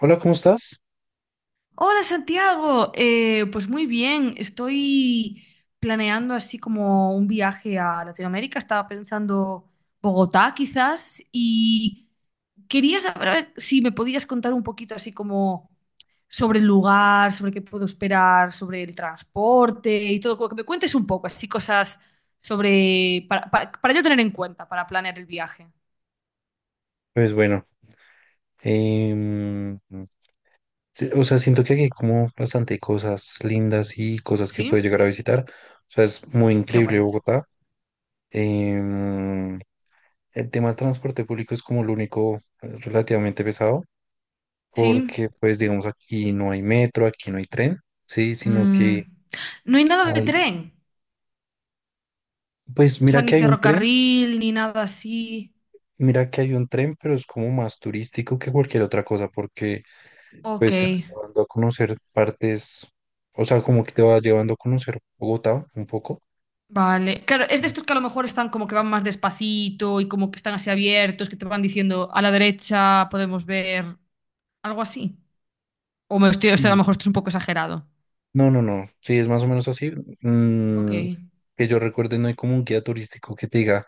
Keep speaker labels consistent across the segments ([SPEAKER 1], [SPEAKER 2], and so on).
[SPEAKER 1] Hola, ¿cómo estás?
[SPEAKER 2] Hola Santiago. Pues muy bien, estoy planeando así como un viaje a Latinoamérica, estaba pensando Bogotá quizás, y quería saber, a ver, si me podías contar un poquito así como sobre el lugar, sobre qué puedo esperar, sobre el transporte y todo, como que me cuentes un poco así cosas sobre, para yo tener en cuenta para planear el viaje.
[SPEAKER 1] Pues bueno, em, sí, o sea, siento que aquí hay como bastante cosas lindas y cosas que puedes
[SPEAKER 2] ¿Sí?
[SPEAKER 1] llegar a visitar. O sea, es muy
[SPEAKER 2] Qué
[SPEAKER 1] increíble
[SPEAKER 2] guay.
[SPEAKER 1] Bogotá. Em, el tema del transporte público es como lo único relativamente pesado,
[SPEAKER 2] ¿Sí?
[SPEAKER 1] porque pues digamos aquí no hay metro, aquí no hay tren, sí, sino
[SPEAKER 2] Mm,
[SPEAKER 1] que
[SPEAKER 2] ¿No hay nada de
[SPEAKER 1] hay,
[SPEAKER 2] tren?
[SPEAKER 1] pues
[SPEAKER 2] O sea,
[SPEAKER 1] mira
[SPEAKER 2] ni
[SPEAKER 1] que hay un tren,
[SPEAKER 2] ferrocarril, ni nada así.
[SPEAKER 1] mira que hay un tren, pero es como más turístico que cualquier otra cosa, porque
[SPEAKER 2] Ok,
[SPEAKER 1] pues te va llevando a conocer partes, o sea, como que te va llevando a conocer Bogotá un poco.
[SPEAKER 2] vale. Claro, es de estos que a lo mejor están como que van más despacito, y como que están así abiertos, que te van diciendo, a la derecha podemos ver algo así. O sea, a lo
[SPEAKER 1] Sí.
[SPEAKER 2] mejor esto es un poco exagerado.
[SPEAKER 1] No, no, no, sí, es más o menos así.
[SPEAKER 2] Ok.
[SPEAKER 1] Mm, que yo recuerde, no hay como un guía turístico que te diga,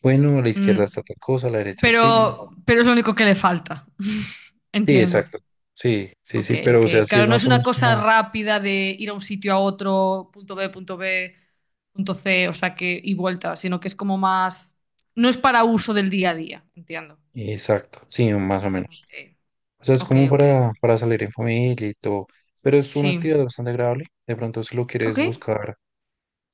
[SPEAKER 1] bueno, a la
[SPEAKER 2] Mm,
[SPEAKER 1] izquierda está tal cosa, a la derecha sí,
[SPEAKER 2] pero,
[SPEAKER 1] no.
[SPEAKER 2] pero es lo único que le falta.
[SPEAKER 1] Sí,
[SPEAKER 2] Entiendo.
[SPEAKER 1] exacto. Sí, sí,
[SPEAKER 2] Ok,
[SPEAKER 1] sí, pero
[SPEAKER 2] ok.
[SPEAKER 1] o sea, sí es
[SPEAKER 2] Claro, no es
[SPEAKER 1] más o
[SPEAKER 2] una
[SPEAKER 1] menos
[SPEAKER 2] cosa
[SPEAKER 1] como,
[SPEAKER 2] rápida de ir a un sitio a otro, punto B, punto C, o sea que, y vuelta, sino que es como más. No es para uso del día a día, entiendo.
[SPEAKER 1] exacto, sí, más o menos.
[SPEAKER 2] Eh,
[SPEAKER 1] O sea, es
[SPEAKER 2] Ok,
[SPEAKER 1] como
[SPEAKER 2] ok.
[SPEAKER 1] para salir en familia y todo, pero es una
[SPEAKER 2] Sí.
[SPEAKER 1] actividad bastante agradable. De pronto, si lo quieres
[SPEAKER 2] Ok,
[SPEAKER 1] buscar,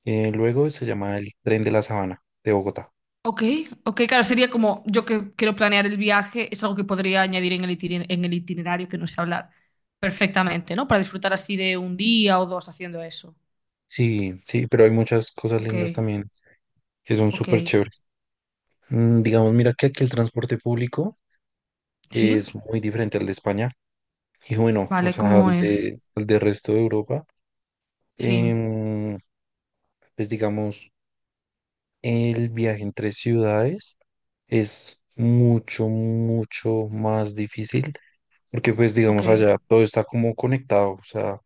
[SPEAKER 1] luego se llama el Tren de la Sabana de Bogotá.
[SPEAKER 2] ok, ok. Claro, sería como yo que quiero planear el viaje, es algo que podría añadir en el itinerario, que no sé hablar perfectamente, ¿no? Para disfrutar así de un día o dos haciendo eso.
[SPEAKER 1] Sí, sí, pero hay muchas cosas
[SPEAKER 2] Ok,
[SPEAKER 1] lindas también que son
[SPEAKER 2] ok.
[SPEAKER 1] súper chéveres. Digamos, mira que aquí el transporte público
[SPEAKER 2] Sí,
[SPEAKER 1] es muy diferente al de España y bueno, o
[SPEAKER 2] vale,
[SPEAKER 1] sea,
[SPEAKER 2] ¿cómo
[SPEAKER 1] al
[SPEAKER 2] es?
[SPEAKER 1] de, al de resto de Europa.
[SPEAKER 2] Sí,
[SPEAKER 1] Em, pues digamos, el viaje entre ciudades es mucho, mucho más difícil porque pues
[SPEAKER 2] ok.
[SPEAKER 1] digamos allá todo está como conectado, o sea,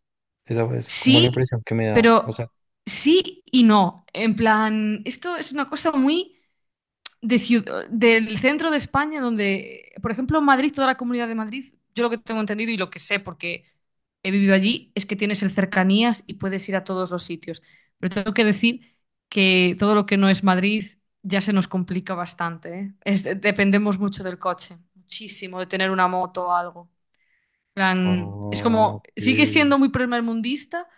[SPEAKER 1] esa es como la
[SPEAKER 2] Sí,
[SPEAKER 1] impresión que me da. O sea,
[SPEAKER 2] pero sí y no. En plan, esto es una cosa muy de ciud- del centro de España. Donde, por ejemplo, Madrid, toda la comunidad de Madrid, yo lo que tengo entendido y lo que sé porque he vivido allí es que tienes el cercanías y puedes ir a todos los sitios. Pero tengo que decir que todo lo que no es Madrid ya se nos complica bastante, ¿eh? Dependemos mucho del coche, muchísimo, de tener una moto o algo, plan, es
[SPEAKER 1] ah,
[SPEAKER 2] como,
[SPEAKER 1] ok.
[SPEAKER 2] sigue siendo muy primermundista,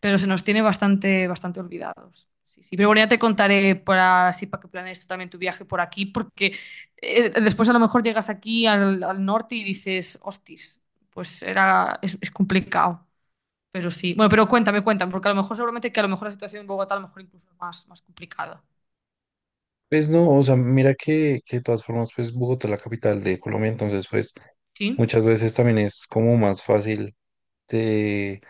[SPEAKER 2] pero se nos tiene bastante, bastante olvidados. Sí, sí. Pero bueno, ya te contaré, para así para que planees tú también tu viaje por aquí, porque después a lo mejor llegas aquí al norte y dices, hostis, pues era, es complicado. Pero sí. Bueno, pero cuéntame, cuéntame, porque a lo mejor seguramente que a lo mejor la situación en Bogotá a lo mejor incluso es más, más complicada.
[SPEAKER 1] Pues no, o sea, mira que de todas formas, pues Bogotá es la capital de Colombia, entonces pues
[SPEAKER 2] Sí,
[SPEAKER 1] muchas veces también es como más fácil de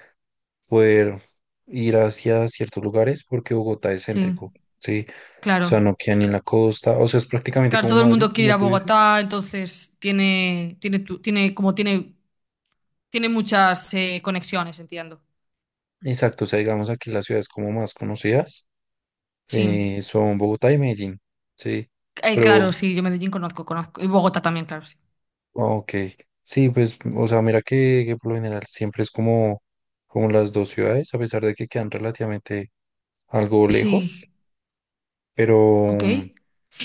[SPEAKER 1] poder ir hacia ciertos lugares porque Bogotá es
[SPEAKER 2] sí,
[SPEAKER 1] céntrico, ¿sí? O
[SPEAKER 2] claro.
[SPEAKER 1] sea, no queda ni en la costa, o sea, es prácticamente
[SPEAKER 2] Claro,
[SPEAKER 1] como
[SPEAKER 2] todo el
[SPEAKER 1] Madrid,
[SPEAKER 2] mundo quiere ir
[SPEAKER 1] como
[SPEAKER 2] a
[SPEAKER 1] tú dices.
[SPEAKER 2] Bogotá, entonces tiene, tiene, tu- tiene, como tiene, tiene muchas conexiones, entiendo.
[SPEAKER 1] Exacto, o sea, digamos aquí las ciudades como más conocidas
[SPEAKER 2] Sí.
[SPEAKER 1] son Bogotá y Medellín, ¿sí? Pero
[SPEAKER 2] Claro, sí, yo Medellín conozco, conozco. Y Bogotá también, claro, sí.
[SPEAKER 1] Ok, sí, pues, o sea, mira que por lo general siempre es como, como las dos ciudades, a pesar de que quedan relativamente algo lejos,
[SPEAKER 2] Sí,
[SPEAKER 1] pero,
[SPEAKER 2] ok.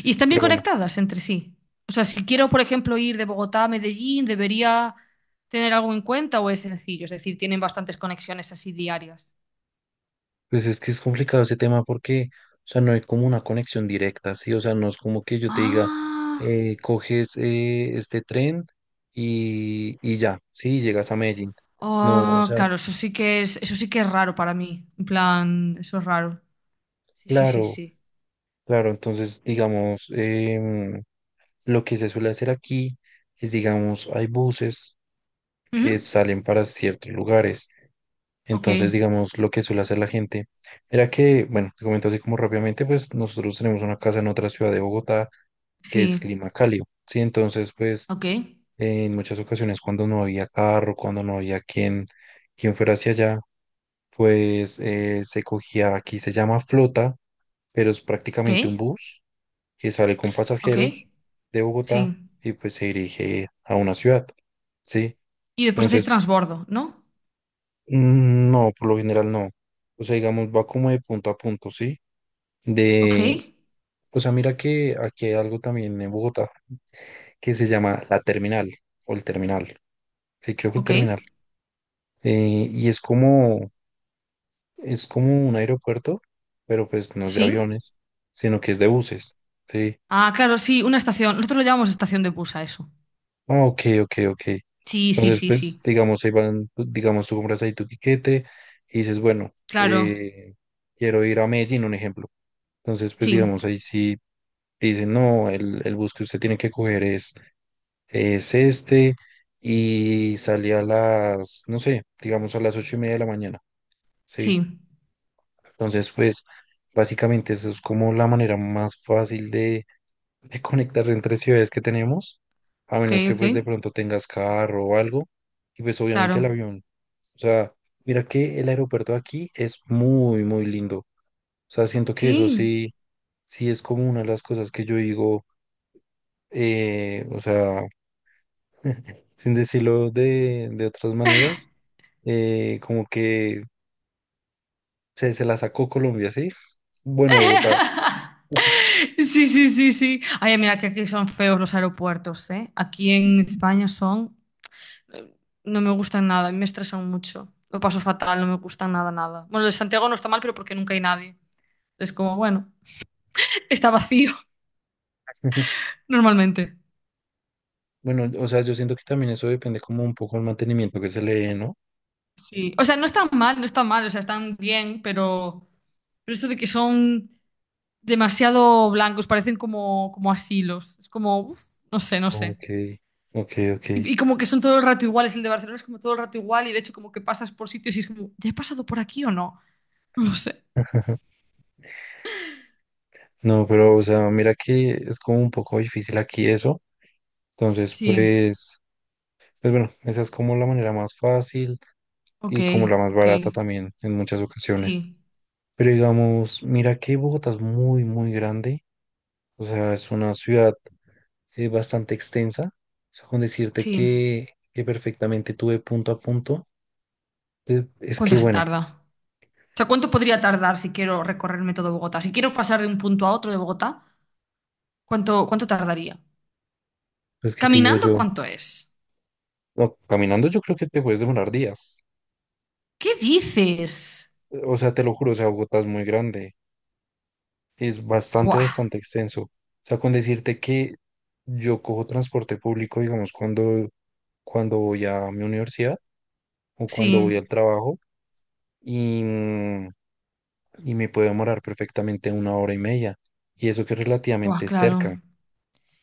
[SPEAKER 2] ¿Y están
[SPEAKER 1] pero
[SPEAKER 2] bien
[SPEAKER 1] bueno,
[SPEAKER 2] conectadas entre sí? O sea, si quiero, por ejemplo, ir de Bogotá a Medellín, ¿debería tener algo en cuenta o es sencillo? Es decir, tienen bastantes conexiones así diarias.
[SPEAKER 1] pues es que es complicado ese tema porque, o sea, no hay como una conexión directa, ¿sí? O sea, no es como que yo te diga,
[SPEAKER 2] Ah,
[SPEAKER 1] coges este tren y ya, ¿sí? Llegas a Medellín. No, o
[SPEAKER 2] ah,
[SPEAKER 1] sea,
[SPEAKER 2] claro, eso sí que es, eso sí que es raro para mí. En plan, eso es raro. Sí, sí, sí,
[SPEAKER 1] claro,
[SPEAKER 2] sí.
[SPEAKER 1] claro, entonces, digamos, em, lo que se suele hacer aquí es, digamos, hay buses que
[SPEAKER 2] Ujú.
[SPEAKER 1] salen para ciertos lugares.
[SPEAKER 2] Ok,
[SPEAKER 1] Entonces, digamos, lo que suele hacer la gente, era que, bueno, te comento así como rápidamente, pues nosotros tenemos una casa en otra ciudad de Bogotá que es
[SPEAKER 2] sí,
[SPEAKER 1] clima cálido, ¿sí? Entonces, pues
[SPEAKER 2] ok,
[SPEAKER 1] en muchas ocasiones cuando no había carro, cuando no había quien, quien fuera hacia allá, pues se cogía, aquí se llama flota, pero es
[SPEAKER 2] ok,
[SPEAKER 1] prácticamente un bus que sale con
[SPEAKER 2] ok,
[SPEAKER 1] pasajeros de Bogotá
[SPEAKER 2] sí.
[SPEAKER 1] y pues se dirige a una ciudad, ¿sí?
[SPEAKER 2] Y después hacéis
[SPEAKER 1] Entonces,
[SPEAKER 2] transbordo, ¿no?
[SPEAKER 1] no, por lo general no. O sea, digamos, va como de punto a punto, ¿sí?
[SPEAKER 2] Ok,
[SPEAKER 1] De, o sea, mira que aquí hay algo también en Bogotá que se llama la terminal o el terminal. Sí, creo que el
[SPEAKER 2] ok,
[SPEAKER 1] terminal. Y es como un aeropuerto, pero pues no es de
[SPEAKER 2] sí.
[SPEAKER 1] aviones, sino que es de buses, ¿sí?
[SPEAKER 2] Ah, claro, sí, una estación. Nosotros lo llamamos estación de bus a eso.
[SPEAKER 1] Ah, ok, ok, ok.
[SPEAKER 2] Sí, sí,
[SPEAKER 1] Entonces,
[SPEAKER 2] sí,
[SPEAKER 1] pues,
[SPEAKER 2] sí.
[SPEAKER 1] digamos, ahí van, pues, digamos, tú compras ahí tu tiquete y dices, bueno,
[SPEAKER 2] Claro,
[SPEAKER 1] quiero ir a Medellín, un ejemplo. Entonces, pues,
[SPEAKER 2] sí,
[SPEAKER 1] digamos, ahí sí, te dicen, no, el bus que usted tiene que coger es este y salía a las, no sé, digamos a las 8:30 de la mañana, ¿sí?
[SPEAKER 2] sí.
[SPEAKER 1] Entonces, pues, básicamente eso es como la manera más fácil de, conectarse entre ciudades que tenemos, a
[SPEAKER 2] Ok,
[SPEAKER 1] menos que
[SPEAKER 2] ok,
[SPEAKER 1] pues de pronto tengas carro o algo, y pues obviamente el
[SPEAKER 2] claro.
[SPEAKER 1] avión, o sea, mira que el aeropuerto de aquí es muy, muy lindo, o sea, siento que eso
[SPEAKER 2] Sí.
[SPEAKER 1] sí es como una de las cosas que yo digo, o sea, sin decirlo de, otras maneras, como que se la sacó Colombia, ¿sí? Bueno, Bogotá.
[SPEAKER 2] Sí, sí, sí, sí. Ay, mira que aquí son feos los aeropuertos, ¿eh? Aquí en España son, eh, no me gustan nada, me estresan mucho. Lo paso fatal, no me gustan nada, nada. Bueno, el de Santiago no está mal, pero porque nunca hay nadie. Es como, bueno, está vacío normalmente.
[SPEAKER 1] Bueno, o sea, yo siento que también eso depende como un poco del mantenimiento que se le dé, ¿no?
[SPEAKER 2] Sí, o sea, no están mal, no están mal, o sea, están bien, pero, esto de que son demasiado blancos, parecen como asilos. Es como, uf, no sé, no sé.
[SPEAKER 1] Ok, ok, ok.
[SPEAKER 2] Y como que son todo el rato iguales, el de Barcelona es como todo el rato igual, y de hecho como que pasas por sitios y es como, ¿ya he pasado por aquí o no? No lo sé.
[SPEAKER 1] No, pero, o sea, mira que es como un poco difícil aquí eso. Entonces,
[SPEAKER 2] Sí,
[SPEAKER 1] pues bueno, esa es como la manera más fácil
[SPEAKER 2] ok,
[SPEAKER 1] y como la más
[SPEAKER 2] ok,
[SPEAKER 1] barata también en muchas ocasiones.
[SPEAKER 2] sí,
[SPEAKER 1] Pero digamos, mira que Bogotá es muy, muy grande. O sea, es una ciudad bastante extensa. O sea, con decirte
[SPEAKER 2] sí.
[SPEAKER 1] que perfectamente tuve punto a punto. Es
[SPEAKER 2] ¿Cuánto
[SPEAKER 1] que
[SPEAKER 2] se
[SPEAKER 1] bueno,
[SPEAKER 2] tarda? O sea, ¿cuánto podría tardar si quiero recorrerme todo Bogotá? Si quiero pasar de un punto a otro de Bogotá, ¿cuánto tardaría?
[SPEAKER 1] pues que te digo
[SPEAKER 2] ¿Caminando
[SPEAKER 1] yo,
[SPEAKER 2] cuánto es?
[SPEAKER 1] no, caminando yo creo que te puedes demorar días.
[SPEAKER 2] ¿Qué dices?
[SPEAKER 1] O sea, te lo juro, o sea, Bogotá es muy grande. Es bastante,
[SPEAKER 2] Buah,
[SPEAKER 1] bastante extenso. O sea, con decirte que yo cojo transporte público, digamos, cuando voy a mi universidad o cuando
[SPEAKER 2] sí,
[SPEAKER 1] voy al trabajo y, mm, y me puede demorar perfectamente una hora y media. Y eso que es
[SPEAKER 2] buah,
[SPEAKER 1] relativamente
[SPEAKER 2] claro.
[SPEAKER 1] cerca.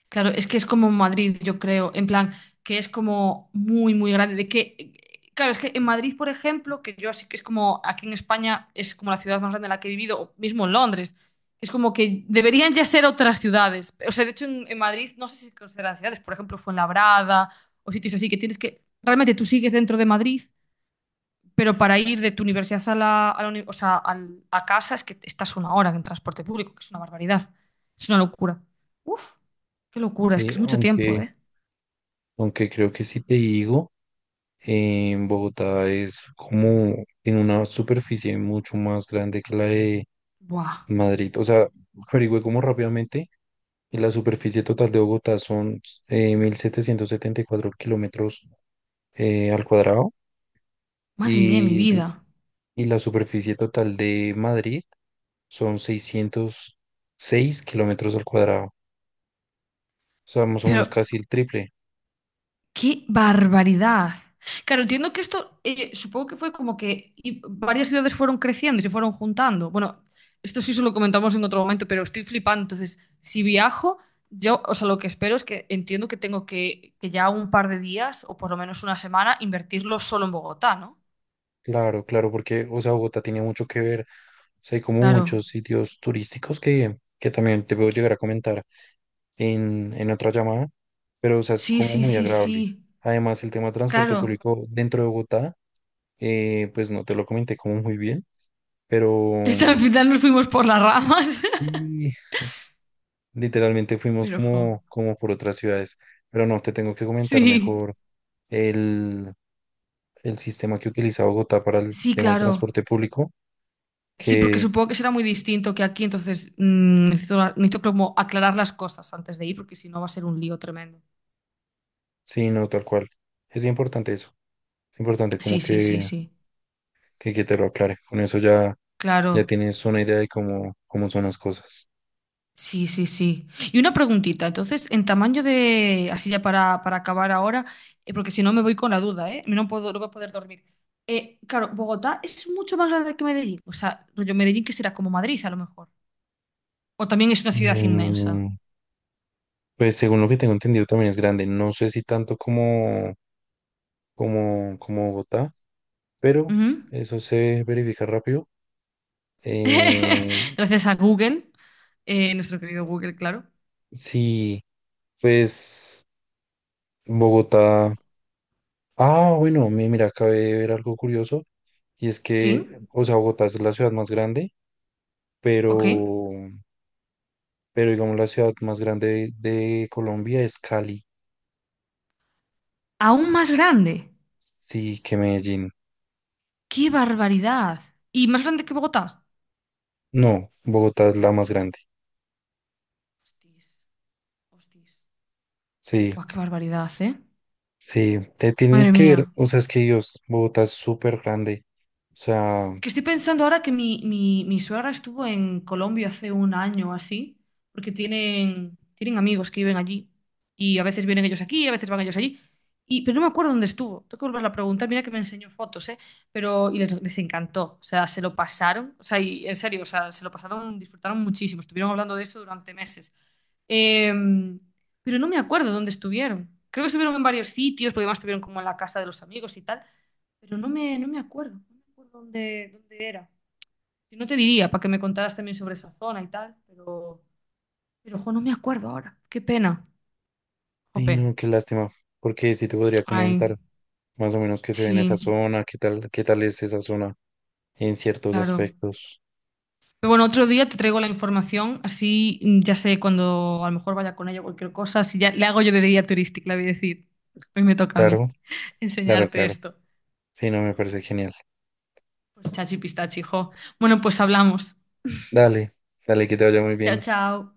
[SPEAKER 2] Claro, es que es como Madrid, yo creo, en plan, que es como muy, muy grande. De que, claro, es que en Madrid, por ejemplo, que yo así que es como aquí en España, es como la ciudad más grande en la que he vivido, o mismo en Londres, es como que deberían ya ser otras ciudades. O sea, de hecho, en Madrid no sé si consideran ciudades, por ejemplo, Fuenlabrada o sitios así, que tienes que, realmente tú sigues dentro de Madrid, pero para ir de tu universidad a la o sea, a casa, es que estás una hora en transporte público, que es una barbaridad. Es una locura. Uf, qué locura, es que
[SPEAKER 1] Y
[SPEAKER 2] es mucho tiempo,
[SPEAKER 1] aunque
[SPEAKER 2] ¿eh?
[SPEAKER 1] Aunque creo que si te digo, en Bogotá es como en una superficie mucho más grande que la de
[SPEAKER 2] Buah,
[SPEAKER 1] Madrid. O sea, averigüé como rápidamente y la superficie total de Bogotá son 1.774 kilómetros al cuadrado
[SPEAKER 2] madre mía de mi
[SPEAKER 1] y,
[SPEAKER 2] vida.
[SPEAKER 1] y la superficie total de Madrid son 606 kilómetros al cuadrado. O sea, más o
[SPEAKER 2] Pero
[SPEAKER 1] menos casi el triple.
[SPEAKER 2] ¡qué barbaridad! Claro, entiendo que esto, supongo que fue como que, y varias ciudades fueron creciendo y se fueron juntando. Bueno, esto sí se lo comentamos en otro momento, pero estoy flipando. Entonces, si viajo, yo, o sea, lo que espero es que entiendo que tengo que ya un par de días o por lo menos una semana invertirlo solo en Bogotá, ¿no?
[SPEAKER 1] Claro, claro, porque, o sea, Bogotá tiene mucho que ver. O sea, hay como
[SPEAKER 2] Claro.
[SPEAKER 1] muchos sitios turísticos que también te puedo llegar a comentar en, otra llamada, pero, o sea, es
[SPEAKER 2] Sí,
[SPEAKER 1] como
[SPEAKER 2] sí,
[SPEAKER 1] muy
[SPEAKER 2] sí,
[SPEAKER 1] agradable.
[SPEAKER 2] sí.
[SPEAKER 1] Además, el tema de transporte
[SPEAKER 2] Claro.
[SPEAKER 1] público dentro de Bogotá, pues no te lo comenté como muy bien, pero
[SPEAKER 2] Es, al final nos fuimos por las ramas.
[SPEAKER 1] sí, literalmente fuimos
[SPEAKER 2] Pero, jo.
[SPEAKER 1] como por otras ciudades, pero no, te tengo que comentar
[SPEAKER 2] Sí.
[SPEAKER 1] mejor el, el sistema que utiliza Bogotá para el
[SPEAKER 2] Sí,
[SPEAKER 1] tema del
[SPEAKER 2] claro.
[SPEAKER 1] transporte público.
[SPEAKER 2] Sí, porque supongo que será muy distinto que aquí, entonces necesito, necesito como aclarar las cosas antes de ir, porque si no va a ser un lío tremendo.
[SPEAKER 1] Sí, no, tal cual. Es importante eso. Es importante como
[SPEAKER 2] Sí, sí, sí,
[SPEAKER 1] que,
[SPEAKER 2] sí.
[SPEAKER 1] que, que te lo aclare. Con eso ya, ya
[SPEAKER 2] Claro.
[SPEAKER 1] tienes una idea de cómo, cómo son las cosas.
[SPEAKER 2] Sí, sí, sí. Y una preguntita, entonces, en tamaño de, así ya para, acabar ahora, porque si no me voy con la duda, ¿eh? No puedo, no voy a poder dormir. Claro, Bogotá es mucho más grande que Medellín. O sea, rollo Medellín que será como Madrid a lo mejor. O también es una ciudad inmensa.
[SPEAKER 1] Em, pues según lo que tengo entendido también es grande. No sé si tanto como, como Bogotá, pero
[SPEAKER 2] Ujú.
[SPEAKER 1] eso se verifica rápido. Eh,
[SPEAKER 2] Gracias a Google, nuestro querido Google, claro.
[SPEAKER 1] sí, pues Bogotá. Ah, bueno, mira, acabé de ver algo curioso. Y es
[SPEAKER 2] Sí.
[SPEAKER 1] que, o sea, Bogotá es la ciudad más grande,
[SPEAKER 2] Ok.
[SPEAKER 1] pero... pero digamos la ciudad más grande de, Colombia es Cali,
[SPEAKER 2] Aún más grande.
[SPEAKER 1] sí, que Medellín.
[SPEAKER 2] ¡Qué barbaridad! ¿Y más grande que Bogotá?
[SPEAKER 1] No, Bogotá es la más grande.
[SPEAKER 2] Hostis, hostis.
[SPEAKER 1] Sí,
[SPEAKER 2] Buah, qué barbaridad, ¿eh?
[SPEAKER 1] sí, te tienes
[SPEAKER 2] Madre
[SPEAKER 1] que ver,
[SPEAKER 2] mía.
[SPEAKER 1] o sea, es que Dios, Bogotá es súper grande. O sea,
[SPEAKER 2] Es que estoy pensando ahora que mi suegra estuvo en Colombia hace un año o así, porque tienen amigos que viven allí. Y a veces vienen ellos aquí, a veces van ellos allí. Y, pero no me acuerdo dónde estuvo. Tengo que volverla a preguntar. Mira que me enseñó fotos, ¿eh? Pero, y les encantó. O sea, se lo pasaron. O sea, y en serio, o sea, se lo pasaron, disfrutaron muchísimo. Estuvieron hablando de eso durante meses. Em, pero no me acuerdo dónde estuvieron. Creo que estuvieron en varios sitios, porque además estuvieron como en la casa de los amigos y tal, pero no me acuerdo, no me acuerdo dónde era. Si no te diría, para que me contaras también sobre esa zona y tal, pero, jo, no me acuerdo ahora. Qué pena.
[SPEAKER 1] y
[SPEAKER 2] Jope.
[SPEAKER 1] no, qué lástima, porque sí te podría comentar
[SPEAKER 2] Ay,
[SPEAKER 1] más o menos qué se ve en esa
[SPEAKER 2] sí,
[SPEAKER 1] zona, qué tal es esa zona en ciertos
[SPEAKER 2] claro.
[SPEAKER 1] aspectos.
[SPEAKER 2] Pero bueno, otro día te traigo la información, así ya sé, cuando a lo mejor vaya con ella o cualquier cosa, si ya le hago yo de guía turística, le voy a decir, hoy me toca a mí
[SPEAKER 1] Claro, claro,
[SPEAKER 2] enseñarte
[SPEAKER 1] claro.
[SPEAKER 2] esto.
[SPEAKER 1] Sí, no, me
[SPEAKER 2] Jo.
[SPEAKER 1] parece genial.
[SPEAKER 2] Pues chachi pistachi, jo. Bueno, pues hablamos.
[SPEAKER 1] Dale, dale, que te vaya muy
[SPEAKER 2] Chao,
[SPEAKER 1] bien.
[SPEAKER 2] chao.